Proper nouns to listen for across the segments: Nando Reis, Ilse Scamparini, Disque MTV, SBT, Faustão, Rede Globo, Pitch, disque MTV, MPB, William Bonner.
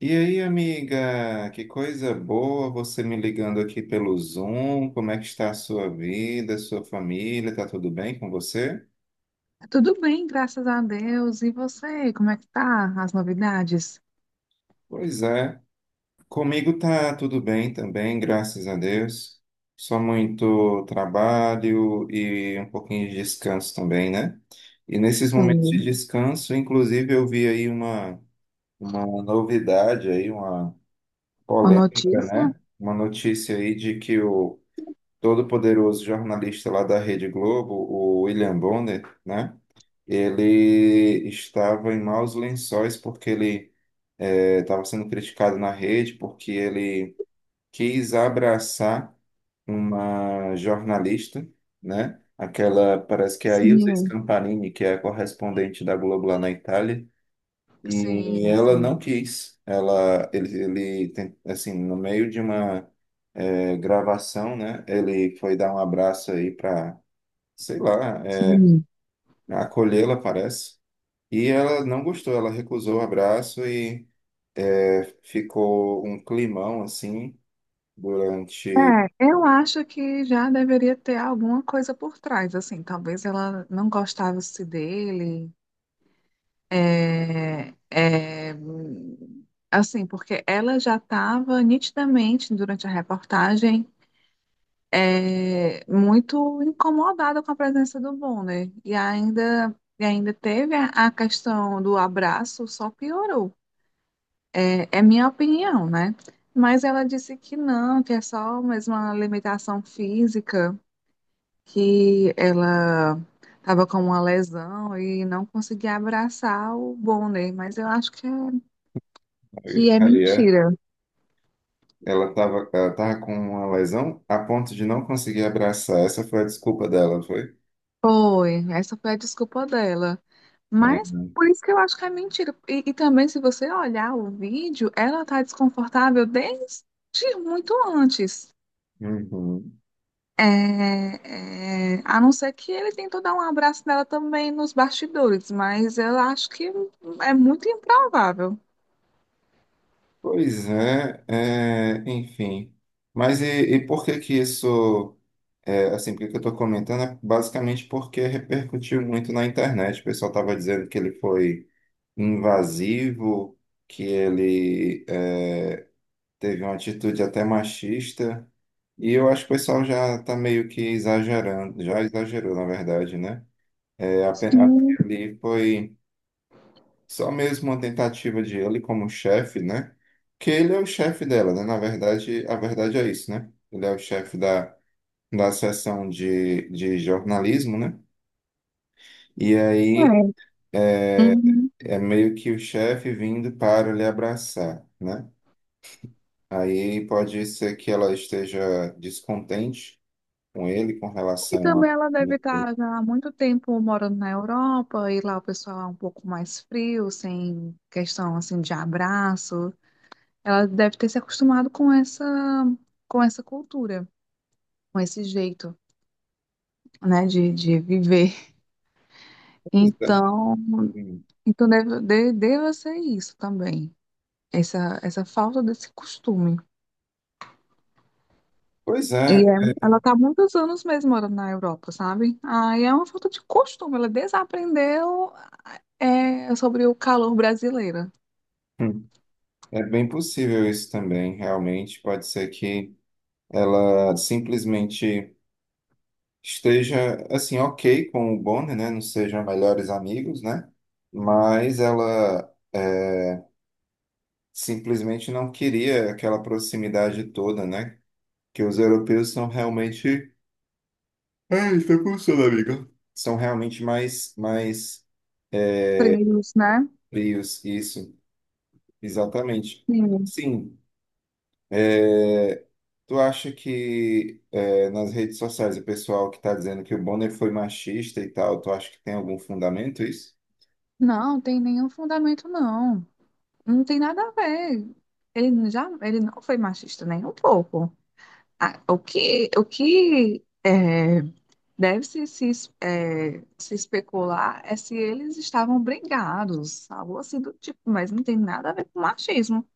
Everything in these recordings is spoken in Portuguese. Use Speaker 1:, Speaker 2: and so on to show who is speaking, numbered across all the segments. Speaker 1: E aí, amiga, que coisa boa você me ligando aqui pelo Zoom. Como é que está a sua vida, a sua família? Tá tudo bem com você?
Speaker 2: Tudo bem, graças a Deus. E você, como é que tá? As novidades?
Speaker 1: Pois é, comigo tá tudo bem também, graças a Deus. Só muito trabalho e um pouquinho de descanso também, né? E nesses momentos de
Speaker 2: Sim,
Speaker 1: descanso, inclusive, eu vi aí uma novidade aí, uma
Speaker 2: uma
Speaker 1: polêmica,
Speaker 2: notícia?
Speaker 1: né? Uma notícia aí de que o todo poderoso jornalista lá da Rede Globo, o William Bonner, né? Ele estava em maus lençóis porque ele estava sendo criticado na rede porque ele quis abraçar uma jornalista, né? Aquela, parece que é a Ilse
Speaker 2: Sim.
Speaker 1: Scamparini, que é a correspondente da Globo lá na Itália, e
Speaker 2: Sim,
Speaker 1: ela não
Speaker 2: sim,
Speaker 1: quis. Ela, ele, assim, no meio de uma gravação, né? Ele foi dar um abraço aí para, sei lá,
Speaker 2: sim.
Speaker 1: acolhê-la, parece. E ela não gostou. Ela recusou o abraço e ficou um climão assim
Speaker 2: É,
Speaker 1: durante.
Speaker 2: eu acho que já deveria ter alguma coisa por trás, assim, talvez ela não gostasse dele. É, é, assim, porque ela já estava nitidamente, durante a reportagem, muito incomodada com a presença do Bonner. E ainda teve a questão do abraço, só piorou. É, é minha opinião, né? Mas ela disse que não, que é só mais uma limitação física, que ela estava com uma lesão e não conseguia abraçar o Bonner. Mas eu acho que é... Que é
Speaker 1: Aí é,
Speaker 2: mentira.
Speaker 1: ela tava com uma lesão a ponto de não conseguir abraçar. Essa foi a desculpa dela, foi?
Speaker 2: Foi. Essa foi a desculpa dela. Mas por isso que eu acho que é mentira. E também, se você olhar o vídeo, ela tá desconfortável desde muito antes.
Speaker 1: Uhum.
Speaker 2: É, é, a não ser que ele tentou dar um abraço nela também nos bastidores, mas eu acho que é muito improvável.
Speaker 1: Pois é, é, enfim. Mas e por que que isso, é, assim, por que que eu estou comentando? É basicamente porque repercutiu muito na internet. O pessoal estava dizendo que ele foi invasivo, que ele é, teve uma atitude até machista. E eu acho que o pessoal já está meio que exagerando, já exagerou, na verdade, né? É, apenas
Speaker 2: Sim,
Speaker 1: ali foi. Só mesmo uma tentativa de ele como chefe, né? Que ele é o chefe dela, né? Na verdade, a verdade é isso, né? Ele é o chefe da seção de jornalismo, né? E aí
Speaker 2: é. Uhum.
Speaker 1: é meio que o chefe vindo para lhe abraçar, né? Aí pode ser que ela esteja descontente com ele com
Speaker 2: E
Speaker 1: relação
Speaker 2: também
Speaker 1: a.
Speaker 2: ela deve estar já há muito tempo morando na Europa, e lá o pessoal é um pouco mais frio, sem questão assim de abraço. Ela deve ter se acostumado com essa cultura, com esse jeito, né, de viver.
Speaker 1: Pois é.
Speaker 2: Então,
Speaker 1: Hum.
Speaker 2: então deve, deva ser isso também, essa falta desse costume.
Speaker 1: Pois
Speaker 2: E
Speaker 1: é,
Speaker 2: é-
Speaker 1: é.
Speaker 2: ela está há muitos anos mesmo morando na Europa, sabe? Aí é uma falta de costume, ela desaprendeu, é, sobre o calor brasileiro.
Speaker 1: Hum. É bem possível isso também, realmente. Pode ser que ela simplesmente esteja assim ok com o Bonnie, né? Não sejam melhores amigos, né? Mas ela é, simplesmente não queria aquela proximidade toda, né? Que os europeus são realmente... Ai, tá pulsando, amiga. São realmente mais
Speaker 2: Frios, né?
Speaker 1: frios, isso, exatamente.
Speaker 2: Sim.
Speaker 1: Sim, é, tu acha que é, nas redes sociais o pessoal que está dizendo que o Bonner foi machista e tal, tu acha que tem algum fundamento isso?
Speaker 2: Não, tem nenhum fundamento, não. Não tem nada a ver. Ele já, ele não foi machista nem um pouco. Ah, o que é, deve se, es- é, se especular é se eles estavam brigados, algo assim do tipo, mas não tem nada a ver com machismo.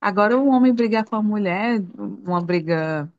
Speaker 2: Agora, um homem brigar com a mulher, uma briga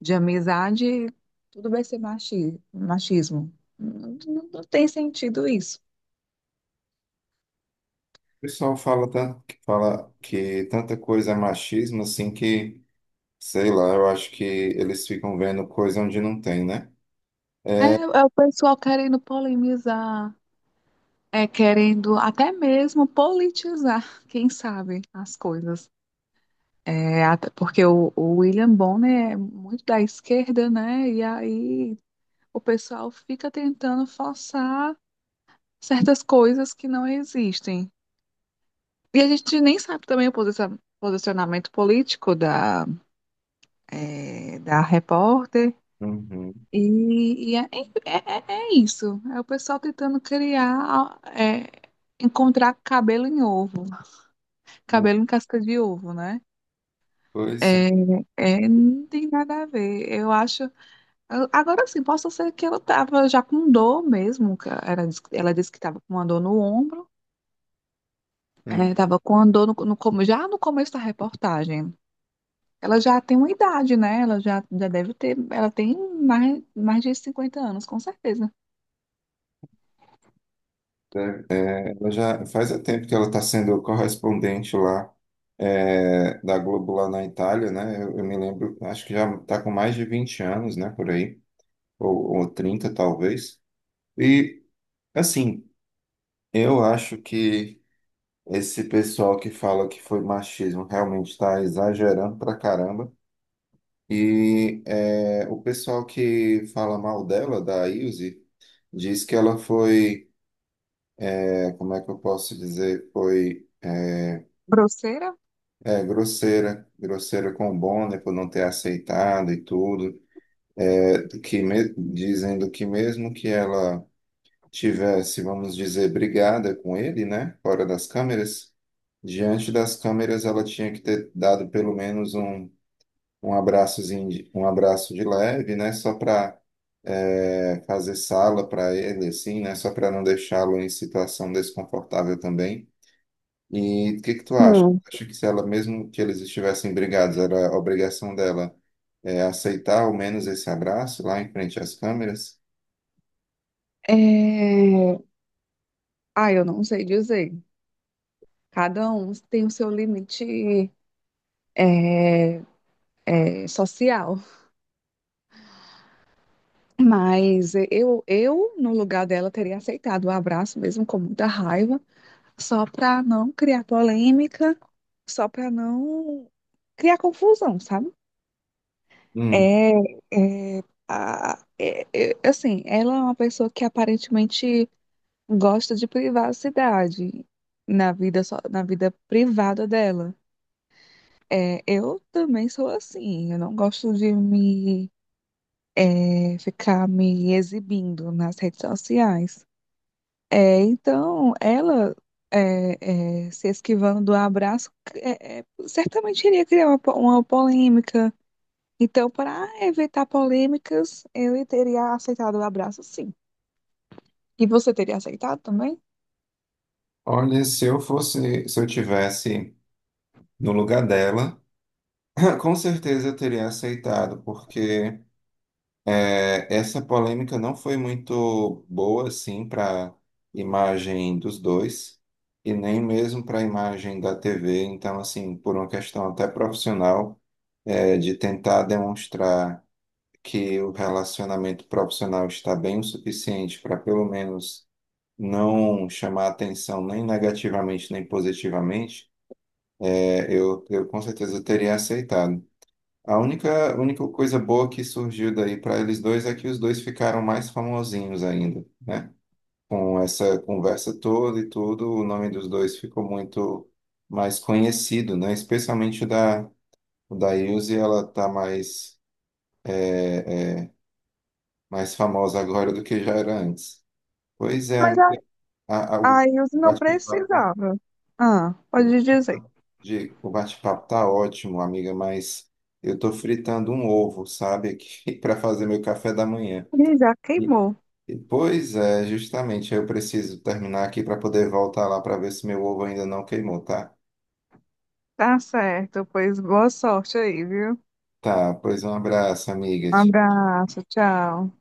Speaker 2: de amizade, tudo vai ser machismo. Não tem sentido isso.
Speaker 1: O pessoal fala tanto que fala que tanta coisa é machismo assim que, sei lá, eu acho que eles ficam vendo coisa onde não tem, né?
Speaker 2: É, é o pessoal querendo polemizar, é querendo até mesmo politizar, quem sabe, as coisas. É, até porque o William Bonner é muito da esquerda, né? E aí o pessoal fica tentando forçar certas coisas que não existem. E a gente nem sabe também o posicionamento político da, é, da repórter.
Speaker 1: Uhum.
Speaker 2: E, e é, É é isso. É o pessoal tentando criar, é, encontrar cabelo em ovo, cabelo em casca de ovo, né?
Speaker 1: Coisa.
Speaker 2: É, é, não tem nada a ver. Eu acho. Agora sim, posso ser que ela tava já com dor mesmo. Que Ela, ela disse que tava com uma dor no ombro.
Speaker 1: Hum.
Speaker 2: É, tava com uma dor come- já no começo da reportagem. Ela já tem uma idade, né? Ela já, já deve ter. Ela tem mais, mais de 50 anos, com certeza.
Speaker 1: É, ela já faz tempo que ela está sendo correspondente lá é, da Globo lá na Itália, né? Eu me lembro, acho que já está com mais de 20 anos, né? Por aí, ou 30 talvez. E assim, eu acho que... Esse pessoal que fala que foi machismo realmente está exagerando pra caramba. E é, o pessoal que fala mal dela, da Ilse, diz que ela foi, é, como é que eu posso dizer, foi é,
Speaker 2: Grosseira?
Speaker 1: é, grosseira, grosseira com o Bonner por não ter aceitado e tudo. É, dizendo que mesmo que ela tivesse, vamos dizer, brigada com ele, né, fora das câmeras, diante das câmeras ela tinha que ter dado pelo menos um abraçozinho, um abraço de leve, né? Só para fazer sala para ele, assim, né? Só para não deixá-lo em situação desconfortável também. E o que que tu acha?
Speaker 2: Sim.
Speaker 1: Acho que se ela, mesmo que eles estivessem brigados, era obrigação dela é, aceitar ao menos esse abraço lá em frente às câmeras?
Speaker 2: É... Ah, eu não sei dizer. Cada um tem o seu limite, é, social. Mas eu, no lugar dela, teria aceitado o abraço, mesmo com muita raiva, só para não criar polêmica, só para não criar confusão, sabe?
Speaker 1: Hum.
Speaker 2: É, assim, ela é uma pessoa que aparentemente gosta de privacidade na vida, na vida privada dela. É, eu também sou assim. Eu não gosto de me, ficar me exibindo nas redes sociais. É, então, ela, se esquivando do abraço, certamente iria criar uma, uma polêmica. Então, para evitar polêmicas, eu teria aceitado o abraço, sim. E você teria aceitado também?
Speaker 1: Olha, se eu fosse, se eu tivesse no lugar dela, com certeza eu teria aceitado, porque é, essa polêmica não foi muito boa, assim, para imagem dos dois, e nem mesmo para a imagem da TV. Então, assim, por uma questão até profissional, é, de tentar demonstrar que o relacionamento profissional está bem o suficiente para, pelo menos, não chamar atenção nem negativamente nem positivamente, é, eu com certeza teria aceitado. A única coisa boa que surgiu daí para eles dois é que os dois ficaram mais famosinhos ainda, né? Com essa conversa toda e tudo, o nome dos dois ficou muito mais conhecido, né? Especialmente o da Ilse, ela tá mais, mais famosa agora do que já era antes. Pois é,
Speaker 2: Mas a-
Speaker 1: amiga, a-
Speaker 2: aí eu não
Speaker 1: bate-papo
Speaker 2: precisava. Ah,
Speaker 1: o
Speaker 2: pode dizer.
Speaker 1: bate-papo de- o bate-papo tá ótimo, amiga, mas eu tô fritando um ovo, sabe, aqui para fazer meu café da manhã.
Speaker 2: Ele já
Speaker 1: E-
Speaker 2: queimou.
Speaker 1: Pois é, justamente, eu preciso terminar aqui para poder voltar lá para ver se meu ovo ainda não queimou, tá?
Speaker 2: Tá certo, pois boa sorte aí, viu?
Speaker 1: Tá, pois um abraço, amiga.
Speaker 2: Um abraço, tchau.